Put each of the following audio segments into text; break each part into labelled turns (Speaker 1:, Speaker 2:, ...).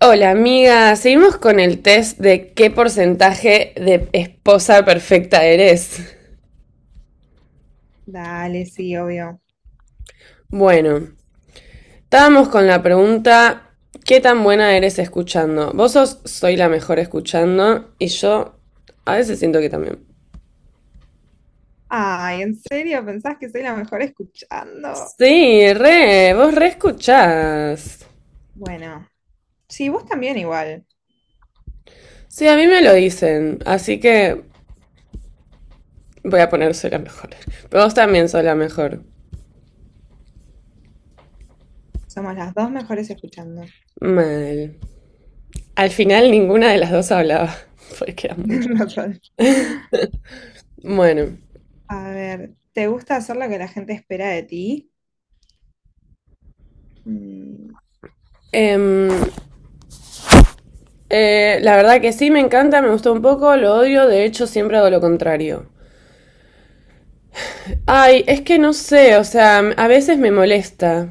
Speaker 1: Hola amiga, seguimos con el test de qué porcentaje de esposa perfecta eres.
Speaker 2: Dale, sí, obvio.
Speaker 1: Bueno, estábamos con la pregunta, ¿qué tan buena eres escuchando? Soy la mejor escuchando y yo a veces siento que también.
Speaker 2: Ay, ¿en serio? ¿Pensás que soy la mejor escuchando?
Speaker 1: Sí, re, vos re escuchás.
Speaker 2: Bueno, sí, vos también igual.
Speaker 1: Sí, a mí me lo dicen, así que voy a poner soy la mejor. Pero vos también sos la mejor.
Speaker 2: Somos las dos mejores escuchando.
Speaker 1: Mal. Al final ninguna de las dos hablaba, porque era muy...
Speaker 2: Total.
Speaker 1: Bueno.
Speaker 2: A ver, ¿te gusta hacer lo que la gente espera de ti?
Speaker 1: Em, la verdad que sí, me encanta, me gustó un poco, lo odio, de hecho siempre hago lo contrario. Ay, es que no sé, o sea, a veces me molesta.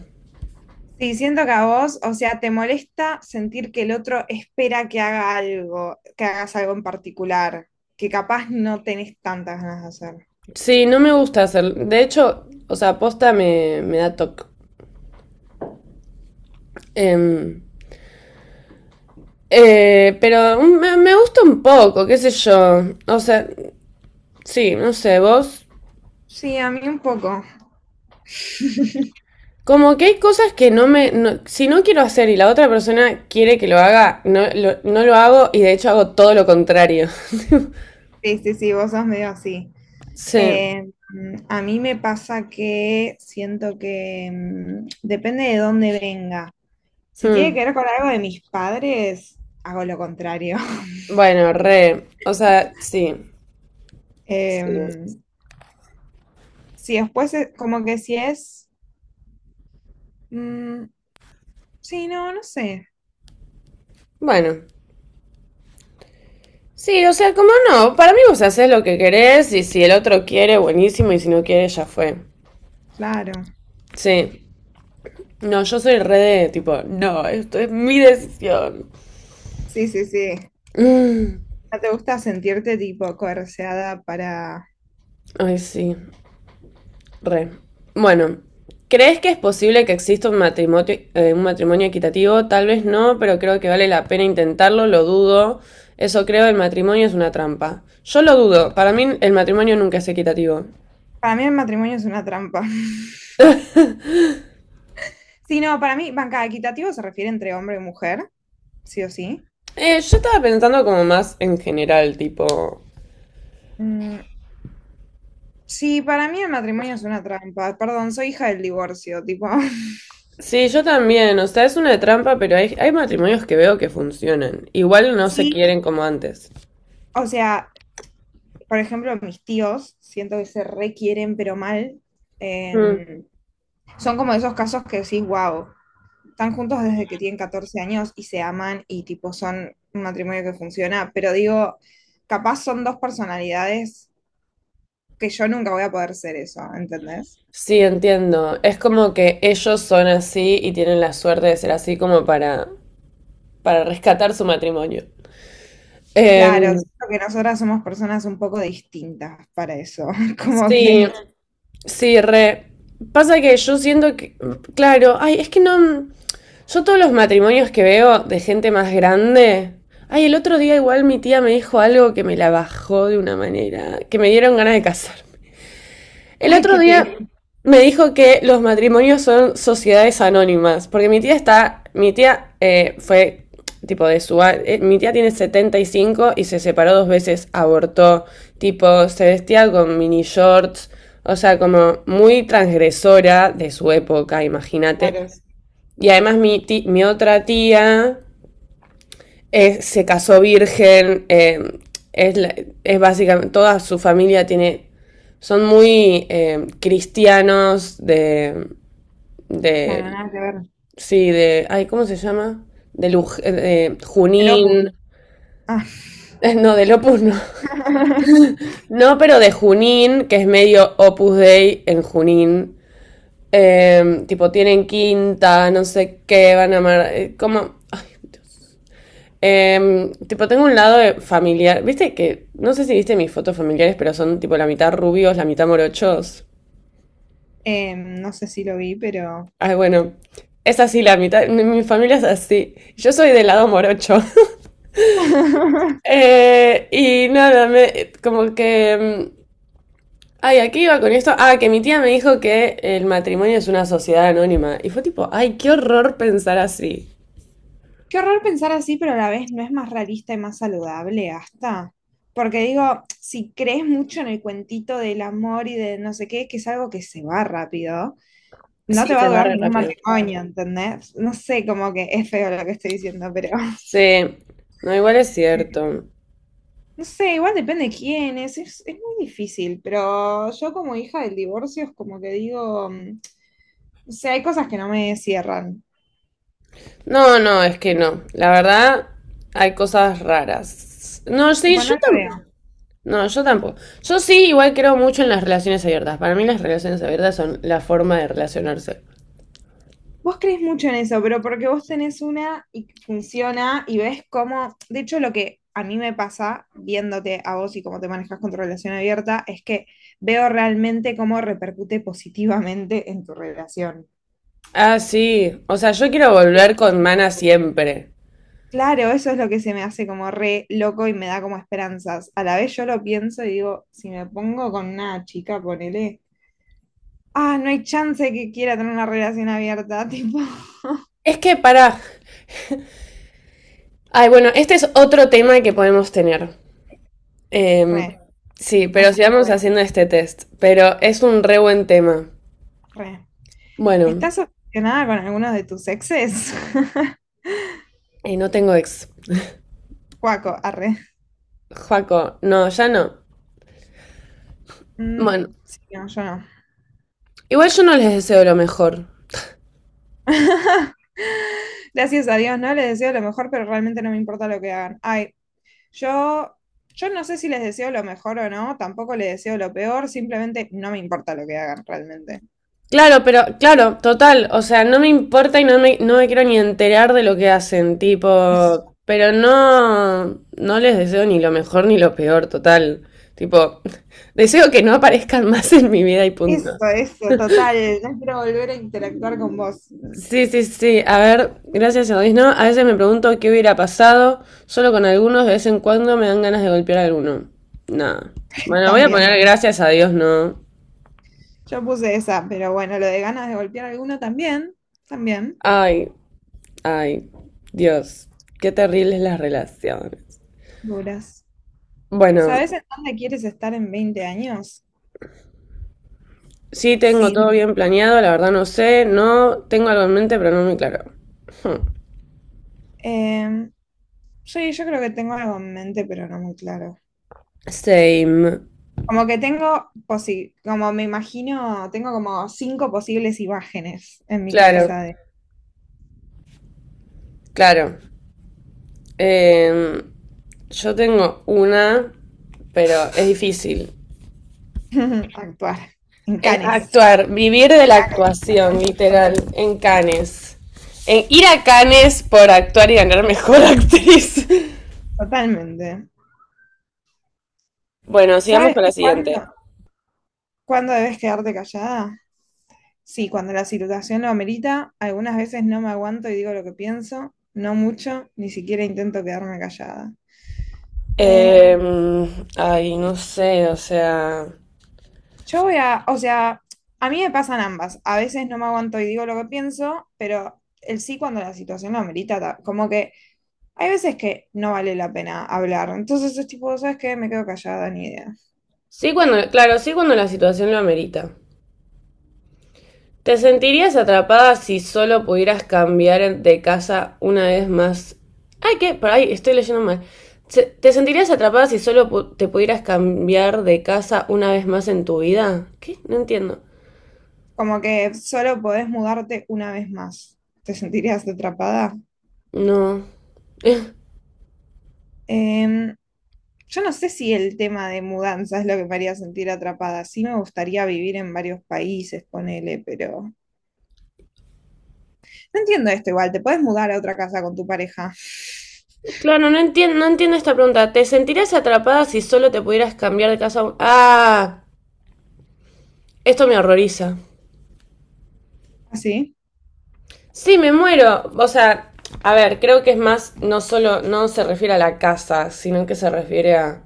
Speaker 2: Sí, siento que a vos, o sea, te molesta sentir que el otro espera que haga algo, que hagas algo en particular, que capaz no tenés tantas ganas de hacer.
Speaker 1: Sí, no me gusta hacer, de hecho, o sea, posta me da toque. Em, pero me gusta un poco, qué sé yo. O sea, sí, no sé, vos.
Speaker 2: Sí, a mí un poco.
Speaker 1: Como que hay cosas que no me... si no quiero hacer y la otra persona quiere que lo haga, no lo hago y de hecho hago todo lo contrario.
Speaker 2: Sí, sí, sí, vos sos medio así.
Speaker 1: Sí.
Speaker 2: Eh, a mí me pasa que siento que depende de dónde venga. Si tiene
Speaker 1: Hmm,
Speaker 2: que ver con algo de mis padres, hago lo contrario.
Speaker 1: bueno, re, o sea, sí.
Speaker 2: Em, si después, como que si es... mm, sí, no, no sé.
Speaker 1: Bueno, sí, o sea, como no, para mí vos haces lo que querés y si el otro quiere, buenísimo, y si no quiere, ya fue.
Speaker 2: Claro,
Speaker 1: Sí. No, yo soy re de tipo, no, esto es mi decisión.
Speaker 2: sí, sí, sí.
Speaker 1: Mm,
Speaker 2: ¿No te gusta sentirte tipo coerceada para...
Speaker 1: Ay, sí. Re. Bueno, ¿crees que es posible que exista un matrimonio equitativo? Tal vez no, pero creo que vale la pena intentarlo, lo dudo. Eso creo, el matrimonio es una trampa. Yo lo dudo, para mí el matrimonio nunca es equitativo.
Speaker 2: Para mí el matrimonio es una trampa. Sí, no, para mí, banca, equitativo se refiere entre hombre y mujer, sí o sí.
Speaker 1: Yo estaba pensando como más en general, tipo...
Speaker 2: Mm, sí, para mí el matrimonio es una trampa. Perdón, soy hija del divorcio, tipo.
Speaker 1: Sí, yo también, o sea, es una trampa, pero hay matrimonios que veo que funcionan. Igual no se
Speaker 2: Sí,
Speaker 1: quieren como antes.
Speaker 2: o sea, por ejemplo, mis tíos, siento que se requieren, pero mal.
Speaker 1: Mm.
Speaker 2: Em, Son como esos casos que decís, wow. Están juntos desde que tienen 14 años y se aman, y tipo son un matrimonio que funciona, pero digo, capaz son dos personalidades que yo nunca voy a poder ser eso, ¿entendés?
Speaker 1: Sí, entiendo. Es como que ellos son así y tienen la suerte de ser así como para rescatar su matrimonio.
Speaker 2: Claro,
Speaker 1: Em,
Speaker 2: siento que nosotras somos personas un poco distintas para eso, como
Speaker 1: sí,
Speaker 2: que
Speaker 1: sí, re. Pasa que yo siento que, claro, ay, es que no, yo todos los matrimonios que veo de gente más grande, ay, el otro día igual mi tía me dijo algo que me la bajó de una manera, que me dieron ganas de casar. El
Speaker 2: hay
Speaker 1: otro
Speaker 2: que
Speaker 1: día
Speaker 2: te
Speaker 1: me dijo que los matrimonios son sociedades anónimas, porque mi tía fue tipo de mi tía tiene 75 y cinco y se separó dos veces, abortó, tipo se vestía con mini shorts, o sea, como muy transgresora de su época,
Speaker 2: claro,
Speaker 1: imagínate. Y además mi otra tía se casó virgen, es, es básicamente, toda su familia tiene, son muy cristianos
Speaker 2: claro,
Speaker 1: de,
Speaker 2: nada que ver.
Speaker 1: sí, de, ay, ¿cómo se llama? De, de
Speaker 2: El Opus.
Speaker 1: Junín,
Speaker 2: Ah.
Speaker 1: no, del Opus no, no, pero de Junín, que es medio Opus Dei en Junín. Tipo, tienen quinta, no sé qué, van a amar. Como. Ay, tipo, tengo un lado de familiar. Viste que, no sé si viste mis fotos familiares, pero son tipo la mitad rubios, la mitad morochos.
Speaker 2: No sé si lo vi, pero
Speaker 1: Ay, bueno, es así la mitad. Mi familia es así. Yo soy del lado morocho. Y nada, me, como que... mm, ay, aquí iba con esto. Ah, que mi tía me dijo que el matrimonio es una sociedad anónima. Y fue tipo, ay, qué horror pensar así.
Speaker 2: qué horror pensar así, pero a la vez no es más realista y más saludable, hasta. Porque digo, si crees mucho en el cuentito del amor y de no sé qué, que es algo que se va rápido, no
Speaker 1: Sí,
Speaker 2: te va a
Speaker 1: se va
Speaker 2: durar
Speaker 1: re
Speaker 2: ningún
Speaker 1: rápido.
Speaker 2: matrimonio, ¿entendés? No sé, como que es feo lo que estoy diciendo, pero
Speaker 1: Sí, no, igual es cierto.
Speaker 2: no sé, igual depende de quién es muy difícil, pero yo como hija del divorcio es como que digo, o sea, hay cosas que no me cierran,
Speaker 1: No, no, es que no. La verdad, hay cosas raras. No, sí,
Speaker 2: tipo, no
Speaker 1: yo
Speaker 2: la
Speaker 1: tampoco.
Speaker 2: veo.
Speaker 1: No, yo tampoco. Yo sí, igual creo mucho en las relaciones abiertas. Para mí las relaciones abiertas son la forma de relacionarse.
Speaker 2: Vos crees mucho en eso, pero porque vos tenés una y funciona y ves cómo, de hecho lo que a mí me pasa viéndote a vos y cómo te manejas con tu relación abierta es que veo realmente cómo repercute positivamente en tu relación.
Speaker 1: Ah, sí. O sea, yo quiero volver con Mana siempre.
Speaker 2: Claro, eso es lo que se me hace como re loco y me da como esperanzas. A la vez yo lo pienso y digo, si me pongo con una chica, ponele, ah, no hay chance que quiera tener una relación abierta, tipo,
Speaker 1: Es que para... Ay, bueno, este es otro tema que podemos tener. Em,
Speaker 2: re.
Speaker 1: sí, pero
Speaker 2: Así que
Speaker 1: sigamos
Speaker 2: bueno,
Speaker 1: haciendo este test. Pero es un re buen tema.
Speaker 2: re.
Speaker 1: Bueno,
Speaker 2: ¿Estás obsesionada con alguno de tus exes?
Speaker 1: y no tengo ex.
Speaker 2: Cuaco, arre.
Speaker 1: Joaco, no, ya no.
Speaker 2: Mm,
Speaker 1: Bueno.
Speaker 2: sí, no, yo no.
Speaker 1: Igual yo no les deseo lo mejor.
Speaker 2: Gracias a Dios, no les deseo lo mejor, pero realmente no me importa lo que hagan. Ay, yo, yo no sé si les deseo lo mejor o no, tampoco les deseo lo peor, simplemente no me importa lo que hagan realmente.
Speaker 1: Claro, pero claro, total, o sea, no me importa y no me quiero ni enterar de lo que hacen,
Speaker 2: Eso,
Speaker 1: tipo, pero no, no les deseo ni lo mejor ni lo peor, total. Tipo, deseo que no aparezcan más en mi vida y
Speaker 2: eso,
Speaker 1: punto.
Speaker 2: eso, total. No quiero volver a interactuar con vos.
Speaker 1: Sí, sí, sí, a ver, gracias a Dios, ¿no? A veces me pregunto qué hubiera pasado, solo con algunos, de vez en cuando me dan ganas de golpear a alguno. Nada. Bueno, voy a
Speaker 2: También.
Speaker 1: poner gracias a Dios, ¿no?
Speaker 2: Yo puse esa, pero bueno, lo de ganas de golpear a alguno también, también.
Speaker 1: Ay, ay, Dios, qué terribles las relaciones.
Speaker 2: Duras.
Speaker 1: Bueno,
Speaker 2: ¿Sabes en dónde quieres estar en 20 años?
Speaker 1: sí tengo
Speaker 2: Sí,
Speaker 1: todo bien planeado, la verdad no sé, no tengo algo en mente, pero no muy claro. Hmm,
Speaker 2: em, sí, yo creo que tengo algo en mente, pero no muy claro.
Speaker 1: same.
Speaker 2: Como que tengo, como me imagino, tengo como cinco posibles imágenes en mi
Speaker 1: Claro,
Speaker 2: cabeza de
Speaker 1: claro. Eh, yo tengo una, pero es difícil.
Speaker 2: actuar en
Speaker 1: Es
Speaker 2: Canes.
Speaker 1: actuar, vivir de la
Speaker 2: Canes.
Speaker 1: actuación, literal, en Cannes. En ir a Cannes por actuar y ganar mejor actriz.
Speaker 2: Totalmente.
Speaker 1: Bueno, sigamos
Speaker 2: ¿Sabes
Speaker 1: con la siguiente.
Speaker 2: cuándo debes quedarte callada? Sí, cuando la situación lo amerita, algunas veces no me aguanto y digo lo que pienso, no mucho, ni siquiera intento quedarme callada. Eh,
Speaker 1: Ay, no sé, o sea.
Speaker 2: o sea, a mí me pasan ambas. A veces no me aguanto y digo lo que pienso, pero el sí cuando la situación lo amerita, como que hay veces que no vale la pena hablar. Entonces es tipo, ¿sabes qué? Me quedo callada, ni idea.
Speaker 1: Sí, cuando, claro, sí cuando la situación lo amerita. ¿Te sentirías atrapada si solo pudieras cambiar de casa una vez más? Ay, ¿qué? Por ahí estoy leyendo mal. ¿Te sentirías atrapada si solo te pudieras cambiar de casa una vez más en tu vida? ¿Qué? No entiendo.
Speaker 2: Como que solo podés mudarte una vez más. ¿Te sentirías atrapada?
Speaker 1: No. Eh,
Speaker 2: Em, yo no sé si el tema de mudanza es lo que me haría sentir atrapada. Sí me gustaría vivir en varios países, ponele, pero no entiendo esto igual. Te puedes mudar a otra casa con tu pareja.
Speaker 1: claro, no entiendo, no entiendo esta pregunta. ¿Te sentirías atrapada si solo te pudieras cambiar de casa? Ah, esto me horroriza.
Speaker 2: ¿Así? Sí,
Speaker 1: Sí, me muero. O sea, a ver, creo que es más, no solo, no se refiere a la casa, sino que se refiere a,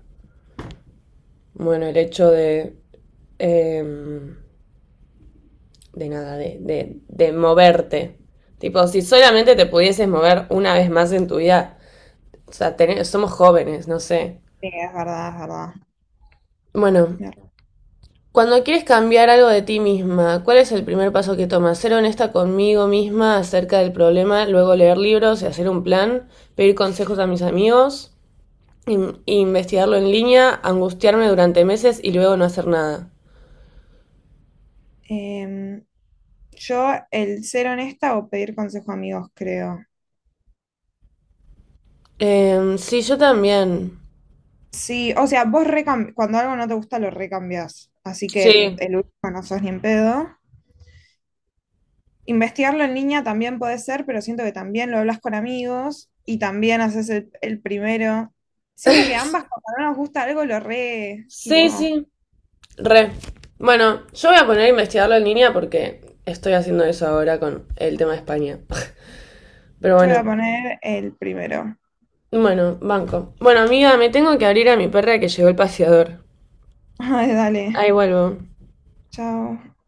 Speaker 1: bueno, el hecho de, em, de nada, de moverte. Tipo, si solamente te pudieses mover una vez más en tu vida, o sea, somos jóvenes, no sé.
Speaker 2: sí, es verdad, es verdad.
Speaker 1: Bueno,
Speaker 2: Mer-
Speaker 1: cuando quieres cambiar algo de ti misma, ¿cuál es el primer paso que tomas? Ser honesta conmigo misma acerca del problema, luego leer libros y hacer un plan, pedir consejos a mis amigos. Investigarlo en línea, angustiarme durante meses y luego no hacer nada.
Speaker 2: em, yo el ser honesta o pedir consejo a amigos, creo.
Speaker 1: Sí, yo también.
Speaker 2: Sí, o sea, vos cuando algo no te gusta lo recambias. Así que
Speaker 1: Sí.
Speaker 2: el último no sos ni en pedo. Investigarlo en línea también puede ser, pero siento que también lo hablas con amigos y también haces el primero. Siento que ambas, cuando no nos gusta algo, lo re, tipo,
Speaker 1: Sí, sí. Re. Bueno, yo voy a poner a investigarlo en línea porque estoy haciendo eso ahora con el tema de España. Pero
Speaker 2: yo
Speaker 1: bueno,
Speaker 2: voy a poner el primero.
Speaker 1: bueno, banco. Bueno, amiga, me tengo que abrir a mi perra que llegó el paseador.
Speaker 2: Ay, dale,
Speaker 1: Ahí vuelvo.
Speaker 2: chao.